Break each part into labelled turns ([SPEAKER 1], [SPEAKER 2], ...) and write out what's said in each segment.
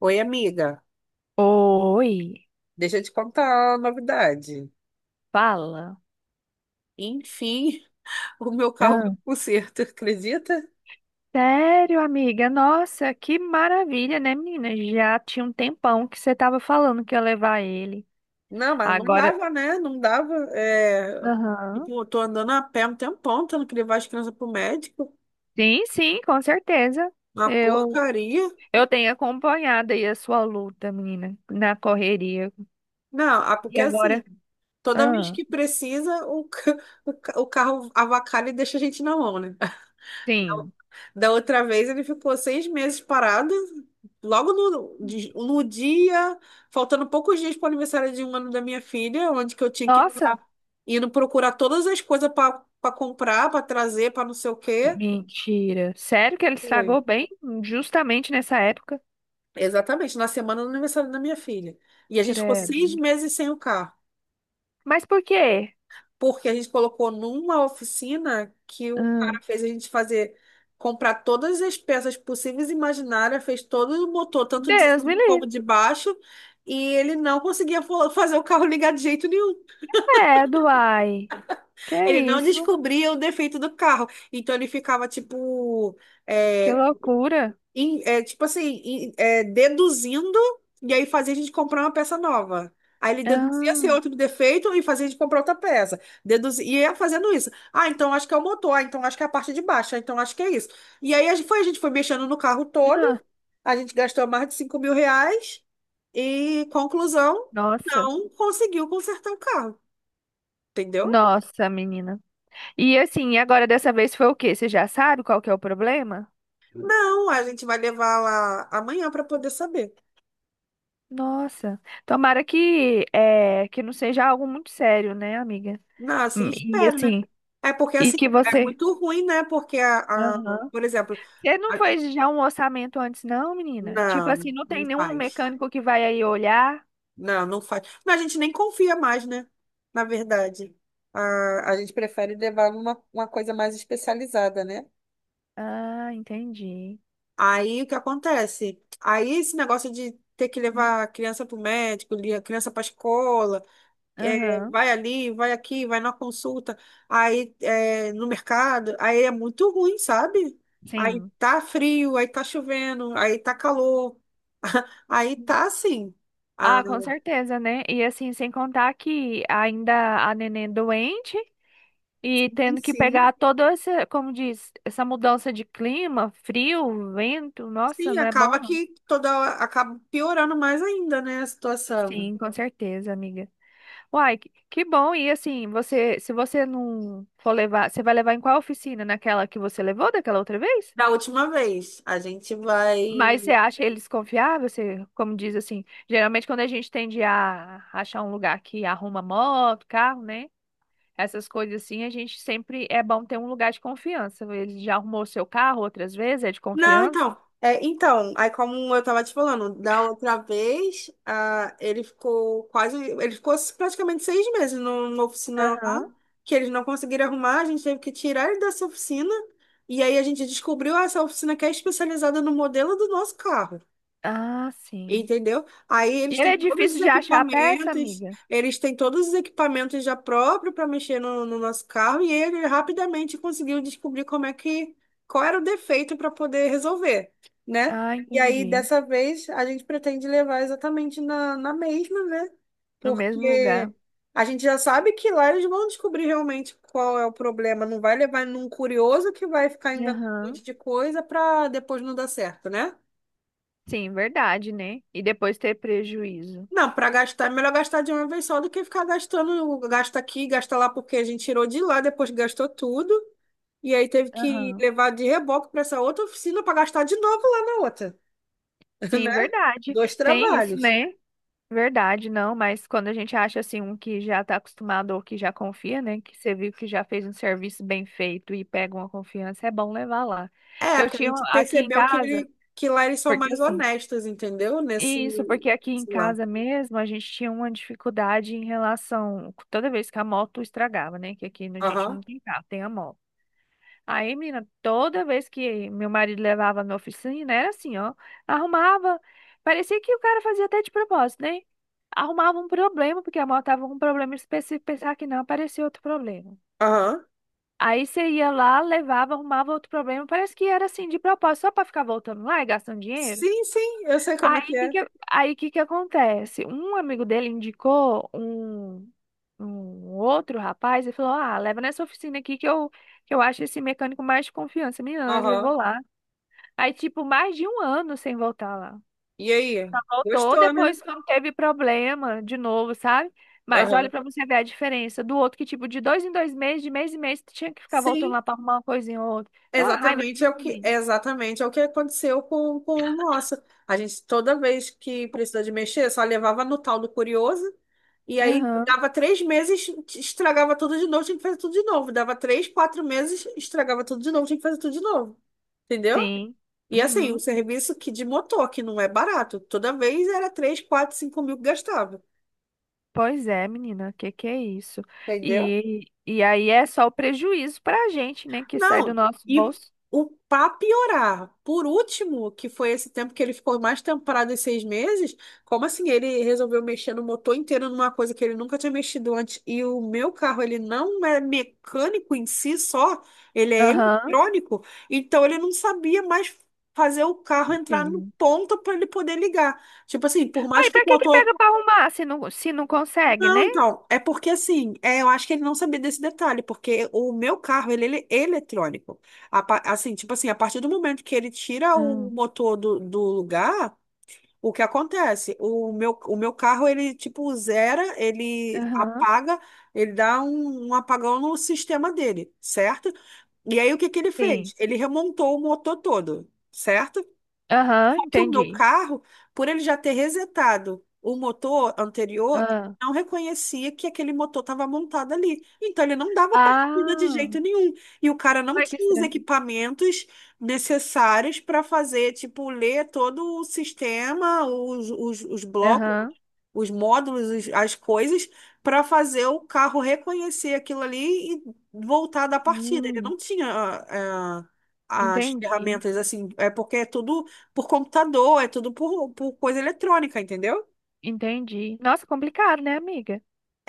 [SPEAKER 1] Oi, amiga.
[SPEAKER 2] Oi,
[SPEAKER 1] Deixa eu te contar a novidade.
[SPEAKER 2] fala.
[SPEAKER 1] Enfim, o meu carro
[SPEAKER 2] Ah,
[SPEAKER 1] foi pro conserto, acredita?
[SPEAKER 2] sério, amiga? Nossa, que maravilha, né, menina? Já tinha um tempão que você tava falando que ia levar ele.
[SPEAKER 1] Não, mas não
[SPEAKER 2] Agora,
[SPEAKER 1] dava, né? Não dava. É.
[SPEAKER 2] aham.
[SPEAKER 1] Tipo, eu tô andando a pé um tempão, tendo que levar as crianças pro médico.
[SPEAKER 2] Sim, sim, com certeza.
[SPEAKER 1] Uma
[SPEAKER 2] Eu
[SPEAKER 1] porcaria.
[SPEAKER 2] eu tenho acompanhado aí a sua luta, menina, na correria.
[SPEAKER 1] Não, ah, porque
[SPEAKER 2] E
[SPEAKER 1] assim,
[SPEAKER 2] agora?
[SPEAKER 1] toda vez
[SPEAKER 2] Ah,
[SPEAKER 1] que precisa, o carro avacalha e deixa a gente na mão, né? Da
[SPEAKER 2] sim.
[SPEAKER 1] da outra vez ele ficou 6 meses parado, logo no dia, faltando poucos dias para o aniversário de um ano da minha filha, onde que eu tinha que estar
[SPEAKER 2] Nossa,
[SPEAKER 1] indo procurar todas as coisas para comprar, para trazer, para não sei o quê.
[SPEAKER 2] mentira. Sério que ele
[SPEAKER 1] Foi.
[SPEAKER 2] estragou bem justamente nessa época?
[SPEAKER 1] Exatamente, na semana do aniversário da minha filha. E a gente ficou
[SPEAKER 2] Credo.
[SPEAKER 1] 6 meses sem o carro.
[SPEAKER 2] Mas por quê?
[SPEAKER 1] Porque a gente colocou numa oficina que o
[SPEAKER 2] Ah,
[SPEAKER 1] cara fez a gente fazer, comprar todas as peças possíveis e imaginárias, fez todo o motor, tanto de
[SPEAKER 2] Deus
[SPEAKER 1] cima
[SPEAKER 2] me
[SPEAKER 1] como
[SPEAKER 2] livre.
[SPEAKER 1] de baixo, e ele não conseguia fazer o carro ligar de jeito nenhum.
[SPEAKER 2] Credo, uai. Que é
[SPEAKER 1] Ele não
[SPEAKER 2] isso?
[SPEAKER 1] descobria o defeito do carro. Então ele ficava tipo.
[SPEAKER 2] Que
[SPEAKER 1] eh,
[SPEAKER 2] loucura.
[SPEAKER 1] tipo assim, deduzindo, e aí fazia a gente comprar uma peça nova. Aí ele deduzia ser
[SPEAKER 2] Ah,
[SPEAKER 1] outro defeito e fazia a gente comprar outra peça. Deduzia, e ia fazendo isso. Ah, então acho que é o motor, ah, então acho que é a parte de baixo, ah, então acho que é isso. E aí a gente foi mexendo no carro todo,
[SPEAKER 2] ah,
[SPEAKER 1] a gente gastou mais de R$ 5.000 e, conclusão,
[SPEAKER 2] nossa.
[SPEAKER 1] não conseguiu consertar o carro, entendeu?
[SPEAKER 2] Nossa, menina. E assim, agora dessa vez foi o quê? Você já sabe qual que é o problema?
[SPEAKER 1] Não, a gente vai levar lá amanhã para poder saber.
[SPEAKER 2] Nossa. Tomara que é, que não seja algo muito sério, né, amiga?
[SPEAKER 1] Não, assim
[SPEAKER 2] E
[SPEAKER 1] espero, né?
[SPEAKER 2] assim,
[SPEAKER 1] É porque
[SPEAKER 2] e
[SPEAKER 1] assim,
[SPEAKER 2] que
[SPEAKER 1] é
[SPEAKER 2] você
[SPEAKER 1] muito ruim, né? Porque
[SPEAKER 2] aham.
[SPEAKER 1] por exemplo,
[SPEAKER 2] Você não
[SPEAKER 1] a-
[SPEAKER 2] fez já um orçamento antes, não, menina? Tipo assim,
[SPEAKER 1] não,
[SPEAKER 2] não tem
[SPEAKER 1] não
[SPEAKER 2] nenhum
[SPEAKER 1] faz.
[SPEAKER 2] mecânico que vai aí olhar?
[SPEAKER 1] Não, não faz. Não, a gente nem confia mais, né? Na verdade. A gente prefere levar uma coisa mais especializada, né?
[SPEAKER 2] Ah, entendi.
[SPEAKER 1] Aí o que acontece? Aí esse negócio de ter que levar a criança para o médico, a criança para a escola. É,
[SPEAKER 2] Aham,
[SPEAKER 1] vai ali, vai aqui, vai na consulta, aí é, no mercado, aí é muito ruim, sabe? Aí
[SPEAKER 2] sim.
[SPEAKER 1] tá frio, aí tá chovendo, aí tá calor, aí tá assim. Aí
[SPEAKER 2] Ah, com certeza, né? E assim, sem contar que ainda a neném doente e tendo que pegar
[SPEAKER 1] sim,
[SPEAKER 2] toda essa, como diz, essa mudança de clima, frio, vento, nossa,
[SPEAKER 1] sim,
[SPEAKER 2] não é bom
[SPEAKER 1] acaba
[SPEAKER 2] não.
[SPEAKER 1] que toda acaba piorando mais ainda, né, a situação.
[SPEAKER 2] Sim, com certeza, amiga. Uai, que bom. E assim, você, se você não for levar, você vai levar em qual oficina? Naquela que você levou daquela outra vez?
[SPEAKER 1] Da última vez, a gente vai.
[SPEAKER 2] Mas você acha eles confiáveis? Você, como diz assim, geralmente quando a gente tende a achar um lugar que arruma moto, carro, né? Essas coisas assim, a gente sempre é bom ter um lugar de confiança. Ele já arrumou seu carro outras vezes, é de
[SPEAKER 1] Não,
[SPEAKER 2] confiança?
[SPEAKER 1] então. É, então, aí como eu tava te falando, da outra vez, ah, ele ficou quase, ele ficou praticamente 6 meses numa oficina lá,
[SPEAKER 2] Aham.
[SPEAKER 1] que eles não conseguiram arrumar, a gente teve que tirar ele dessa oficina, e aí a gente descobriu ah, essa oficina que é especializada no modelo do nosso carro.
[SPEAKER 2] Ah, sim.
[SPEAKER 1] Entendeu? Aí eles
[SPEAKER 2] E ele
[SPEAKER 1] têm
[SPEAKER 2] é
[SPEAKER 1] todos os
[SPEAKER 2] difícil de achar a peça,
[SPEAKER 1] equipamentos,
[SPEAKER 2] amiga?
[SPEAKER 1] eles têm todos os equipamentos já próprios para mexer no nosso carro e ele rapidamente conseguiu descobrir como é que, qual era o defeito para poder resolver, né?
[SPEAKER 2] Ah,
[SPEAKER 1] E aí,
[SPEAKER 2] entendi.
[SPEAKER 1] dessa vez, a gente pretende levar exatamente na mesma, né?
[SPEAKER 2] No mesmo
[SPEAKER 1] Porque
[SPEAKER 2] lugar.
[SPEAKER 1] a gente já sabe que lá eles vão descobrir realmente qual é o problema, não vai levar num curioso que vai ficar inventando um
[SPEAKER 2] Aham.
[SPEAKER 1] monte de coisa para depois não dar certo, né?
[SPEAKER 2] Sim, verdade, né? E depois ter prejuízo.
[SPEAKER 1] Não, para gastar, é melhor gastar de uma vez só do que ficar gastando, gasta aqui, gasta lá, porque a gente tirou de lá, depois gastou tudo, e aí teve que
[SPEAKER 2] Aham.
[SPEAKER 1] levar de reboque para essa outra oficina para gastar de novo lá na outra,
[SPEAKER 2] Sim,
[SPEAKER 1] né?
[SPEAKER 2] verdade.
[SPEAKER 1] Dois
[SPEAKER 2] Tem isso,
[SPEAKER 1] trabalhos.
[SPEAKER 2] né? Verdade, não, mas quando a gente acha assim um que já está acostumado ou que já confia, né, que você viu que já fez um serviço bem feito e pega uma confiança, é bom levar lá.
[SPEAKER 1] É,
[SPEAKER 2] Eu
[SPEAKER 1] porque a
[SPEAKER 2] tinha um
[SPEAKER 1] gente
[SPEAKER 2] aqui em
[SPEAKER 1] percebeu que,
[SPEAKER 2] casa,
[SPEAKER 1] ele, que lá eles são
[SPEAKER 2] porque
[SPEAKER 1] mais
[SPEAKER 2] assim,
[SPEAKER 1] honestos, entendeu? Nesse,
[SPEAKER 2] isso, porque aqui em
[SPEAKER 1] sei lá.
[SPEAKER 2] casa mesmo a gente tinha uma dificuldade em relação toda vez que a moto estragava, né, que aqui a gente não
[SPEAKER 1] Aham,
[SPEAKER 2] tem carro, tem a moto. Aí, menina, toda vez que meu marido levava na oficina, era assim, ó. Arrumava. Parecia que o cara fazia até de propósito, né? Arrumava um problema, porque a moto tava com um problema específico, pensava que não, aparecia outro problema.
[SPEAKER 1] aham.
[SPEAKER 2] Aí você ia lá, levava, arrumava outro problema. Parece que era assim, de propósito, só pra ficar voltando lá e gastando dinheiro.
[SPEAKER 1] Sim, sim, eu sei como é
[SPEAKER 2] Aí
[SPEAKER 1] que
[SPEAKER 2] que
[SPEAKER 1] é.
[SPEAKER 2] que, aí que que acontece? Um amigo dele indicou um, um outro rapaz e falou: Ah, leva nessa oficina aqui que eu acho esse mecânico mais de confiança. Meninas
[SPEAKER 1] Aham.
[SPEAKER 2] levou lá. Aí, tipo, mais de um ano sem voltar lá.
[SPEAKER 1] E aí?
[SPEAKER 2] Voltou
[SPEAKER 1] Gostou, né?
[SPEAKER 2] depois quando teve problema de novo, sabe? Mas olha
[SPEAKER 1] Aham.
[SPEAKER 2] pra você ver a diferença do outro que, tipo, de dois em dois meses, de mês em mês, tu tinha que ficar voltando
[SPEAKER 1] Sim.
[SPEAKER 2] lá pra arrumar uma coisinha ou outra. Então a raiva
[SPEAKER 1] Exatamente é
[SPEAKER 2] disso,
[SPEAKER 1] o que,
[SPEAKER 2] menino.
[SPEAKER 1] exatamente é o que aconteceu com o nosso. A gente, toda vez que precisou de mexer, só levava no tal do curioso, e aí
[SPEAKER 2] Aham,
[SPEAKER 1] dava 3 meses, estragava tudo de novo, tinha que fazer tudo de novo. Dava 3, 4 meses, estragava tudo de novo, tinha que fazer tudo de novo. Entendeu?
[SPEAKER 2] sim.
[SPEAKER 1] E assim, um
[SPEAKER 2] Uhum.
[SPEAKER 1] serviço que de motor, que não é barato. Toda vez era 3, 4, 5 mil que gastava.
[SPEAKER 2] Pois é, menina, que é isso?
[SPEAKER 1] Entendeu?
[SPEAKER 2] E aí é só o prejuízo pra gente, né, que sai do
[SPEAKER 1] Não,
[SPEAKER 2] nosso
[SPEAKER 1] e
[SPEAKER 2] bolso.
[SPEAKER 1] o pra piorar, por último, que foi esse tempo que ele ficou mais temporada e 6 meses, como assim ele resolveu mexer no motor inteiro numa coisa que ele nunca tinha mexido antes? E o meu carro, ele não é mecânico em si só, ele é
[SPEAKER 2] Aham,
[SPEAKER 1] eletrônico, então ele não sabia mais fazer o carro entrar no
[SPEAKER 2] sim.
[SPEAKER 1] ponto para ele poder ligar. Tipo assim, por mais
[SPEAKER 2] Aí,
[SPEAKER 1] que o
[SPEAKER 2] pra que que
[SPEAKER 1] motor
[SPEAKER 2] pega pra arrumar se não, se não consegue,
[SPEAKER 1] não,
[SPEAKER 2] né?
[SPEAKER 1] então, é porque assim, é, eu acho que ele não sabia desse detalhe, porque o meu carro, ele é eletrônico. Assim, tipo assim, a partir do momento que ele tira o
[SPEAKER 2] Ah,
[SPEAKER 1] motor do lugar, o que acontece? O meu carro, ele tipo zera, ele
[SPEAKER 2] aham,
[SPEAKER 1] apaga, ele dá um apagão no sistema dele, certo? E aí o que que ele
[SPEAKER 2] sim.
[SPEAKER 1] fez? Ele remontou o motor todo, certo?
[SPEAKER 2] Aham,
[SPEAKER 1] Só que o meu
[SPEAKER 2] entendi.
[SPEAKER 1] carro, por ele já ter resetado o motor anterior,
[SPEAKER 2] Ah,
[SPEAKER 1] não reconhecia que aquele motor estava montado ali. Então ele não dava partida de
[SPEAKER 2] ah,
[SPEAKER 1] jeito nenhum. E o cara não
[SPEAKER 2] olha que
[SPEAKER 1] tinha os
[SPEAKER 2] estranho.
[SPEAKER 1] equipamentos necessários para fazer, tipo, ler todo o sistema, os blocos
[SPEAKER 2] Aham,
[SPEAKER 1] os módulos, as coisas, para fazer o carro reconhecer aquilo ali e voltar da partida. Ele
[SPEAKER 2] hum,
[SPEAKER 1] não tinha eh, as
[SPEAKER 2] entendi,
[SPEAKER 1] ferramentas assim, é porque é tudo por computador, é tudo por coisa eletrônica, entendeu?
[SPEAKER 2] entendi. Nossa, complicado, né, amiga?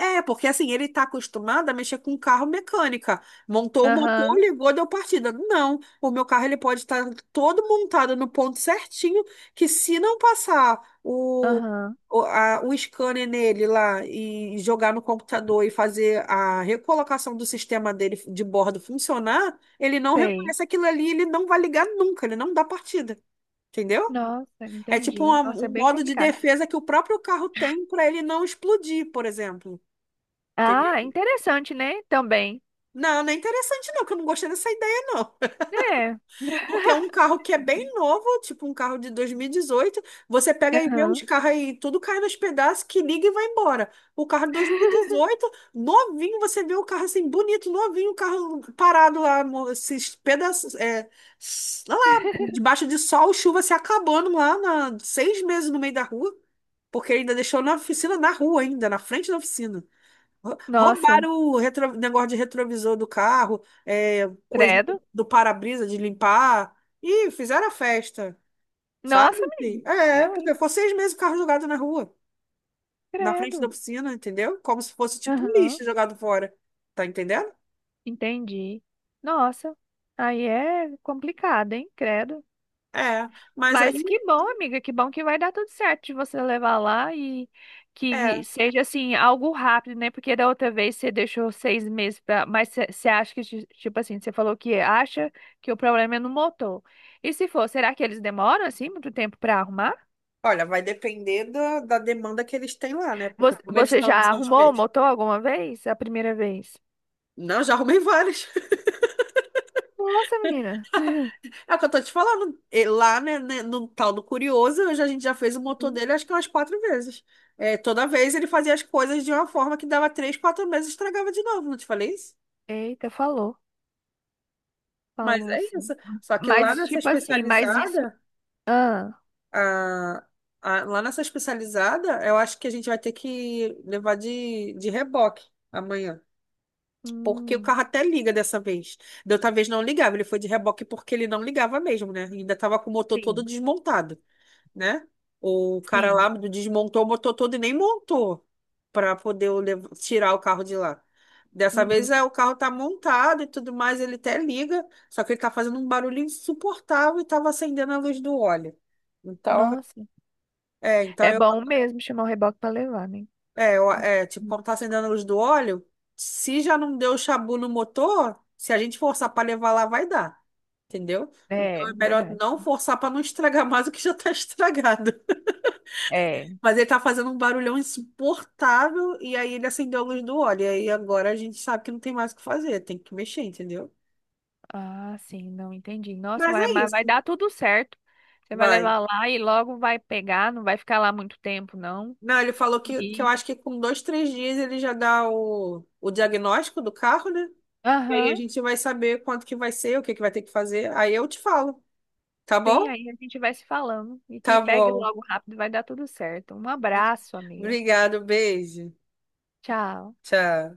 [SPEAKER 1] É, porque assim, ele tá acostumado a mexer com carro mecânica. Montou o motor,
[SPEAKER 2] Aham,
[SPEAKER 1] ligou, deu partida. Não, o meu carro ele pode estar todo montado no ponto certinho, que se não passar
[SPEAKER 2] aham,
[SPEAKER 1] o scanner nele lá e jogar no computador e fazer a recolocação do sistema dele de bordo funcionar, ele não
[SPEAKER 2] sei.
[SPEAKER 1] reconhece aquilo ali, ele não vai ligar nunca, ele não dá partida. Entendeu?
[SPEAKER 2] Nossa,
[SPEAKER 1] É tipo
[SPEAKER 2] entendi. Nossa, é
[SPEAKER 1] um
[SPEAKER 2] bem
[SPEAKER 1] modo de
[SPEAKER 2] complicado.
[SPEAKER 1] defesa que o próprio carro tem para ele não explodir, por exemplo.
[SPEAKER 2] Ah, interessante, né? Também.
[SPEAKER 1] Não, não é interessante não, que eu não gostei dessa ideia não.
[SPEAKER 2] É.
[SPEAKER 1] Porque é um carro que é bem novo, tipo um carro de 2018. Você pega e vê uns
[SPEAKER 2] Aham.
[SPEAKER 1] carros aí, tudo cai nos pedaços, que liga e vai embora. O carro de 2018, novinho, você vê o carro assim, bonito, novinho, o carro parado lá, esses pedaços, é, lá, debaixo de sol, chuva se acabando lá, na, 6 meses no meio da rua, porque ainda deixou na oficina, na rua ainda, na frente da oficina.
[SPEAKER 2] Nossa,
[SPEAKER 1] Roubaram o negócio de retrovisor do carro, é, coisa
[SPEAKER 2] credo.
[SPEAKER 1] do para-brisa de limpar, e fizeram a festa, sabe?
[SPEAKER 2] Nossa,
[SPEAKER 1] Assim,
[SPEAKER 2] meu,
[SPEAKER 1] é,
[SPEAKER 2] eu, hein?
[SPEAKER 1] porque foi 6 meses o carro jogado na rua, na frente da
[SPEAKER 2] Credo.
[SPEAKER 1] oficina, entendeu? Como se fosse tipo um
[SPEAKER 2] Aham,
[SPEAKER 1] lixo jogado fora, tá entendendo?
[SPEAKER 2] entendi. Nossa, aí é complicado, hein? Credo.
[SPEAKER 1] É, mas aí,
[SPEAKER 2] Mas que bom, amiga, que bom que vai dar tudo certo de você levar lá e que
[SPEAKER 1] é,
[SPEAKER 2] seja assim, algo rápido, né? Porque da outra vez você deixou 6 meses pra. Mas você acha que, ti- tipo assim, você falou que acha que o problema é no motor. E se for, será que eles demoram assim muito tempo pra arrumar?
[SPEAKER 1] olha, vai depender da demanda que eles têm lá, né? Porque
[SPEAKER 2] Você
[SPEAKER 1] como eles
[SPEAKER 2] você já
[SPEAKER 1] estão, são os
[SPEAKER 2] arrumou o motor alguma vez? A primeira vez?
[SPEAKER 1] Não, já arrumei vários.
[SPEAKER 2] Nossa, menina.
[SPEAKER 1] É o que eu tô te falando. E lá, né, né, no tal do Curioso, a gente já fez o motor
[SPEAKER 2] Uhum.
[SPEAKER 1] dele acho que umas 4 vezes. É, toda vez ele fazia as coisas de uma forma que dava 3, 4 meses e estragava de novo, não te falei isso?
[SPEAKER 2] Eita, falou.
[SPEAKER 1] Mas
[SPEAKER 2] Falou,
[SPEAKER 1] é
[SPEAKER 2] sim.
[SPEAKER 1] isso. Só que lá
[SPEAKER 2] Mas,
[SPEAKER 1] nessa
[SPEAKER 2] tipo assim, mas isso.
[SPEAKER 1] especializada,
[SPEAKER 2] Ah,
[SPEAKER 1] a, lá nessa especializada, eu acho que a gente vai ter que levar de reboque amanhã. Porque o
[SPEAKER 2] hum,
[SPEAKER 1] carro até liga dessa vez. Da outra vez não ligava, ele foi de reboque porque ele não ligava mesmo, né? Ainda tava com o motor todo
[SPEAKER 2] sim,
[SPEAKER 1] desmontado. Né? O cara
[SPEAKER 2] sim.
[SPEAKER 1] lá desmontou o motor todo e nem montou para poder tirar o carro de lá. Dessa vez
[SPEAKER 2] Uhum.
[SPEAKER 1] é, o carro tá montado e tudo mais, ele até liga, só que ele tá fazendo um barulho insuportável e tava acendendo a luz do óleo. Então,
[SPEAKER 2] Nossa.
[SPEAKER 1] é, então
[SPEAKER 2] É
[SPEAKER 1] eu,
[SPEAKER 2] bom mesmo chamar o reboque pra levar, né?
[SPEAKER 1] é, é, tipo,
[SPEAKER 2] Uhum.
[SPEAKER 1] quando tá acendendo a luz do óleo, se já não deu chabu no motor, se a gente forçar para levar lá, vai dar, entendeu? Então
[SPEAKER 2] É,
[SPEAKER 1] é melhor
[SPEAKER 2] verdade.
[SPEAKER 1] não forçar para não estragar mais o que já tá estragado.
[SPEAKER 2] É.
[SPEAKER 1] Mas ele tá fazendo um barulhão insuportável e aí ele acendeu a luz do óleo. E aí agora a gente sabe que não tem mais o que fazer, tem que mexer, entendeu?
[SPEAKER 2] Ah, sim, não entendi. Nossa,
[SPEAKER 1] Mas
[SPEAKER 2] vai,
[SPEAKER 1] é
[SPEAKER 2] mas vai
[SPEAKER 1] isso.
[SPEAKER 2] dar tudo certo. Você vai
[SPEAKER 1] Vai.
[SPEAKER 2] levar lá e logo vai pegar, não vai ficar lá muito tempo, não.
[SPEAKER 1] Não, ele falou que eu
[SPEAKER 2] E.
[SPEAKER 1] acho que com 2, 3 dias ele já dá o diagnóstico do carro, né? E aí a
[SPEAKER 2] Aham.
[SPEAKER 1] gente vai saber quanto que vai ser, o que que vai ter que fazer. Aí eu te falo, tá
[SPEAKER 2] Sim,
[SPEAKER 1] bom?
[SPEAKER 2] aí a gente vai se falando. E que
[SPEAKER 1] Tá
[SPEAKER 2] pegue
[SPEAKER 1] bom.
[SPEAKER 2] logo rápido, vai dar tudo certo. Um abraço, amiga.
[SPEAKER 1] Obrigado, beijo.
[SPEAKER 2] Tchau.
[SPEAKER 1] Tchau.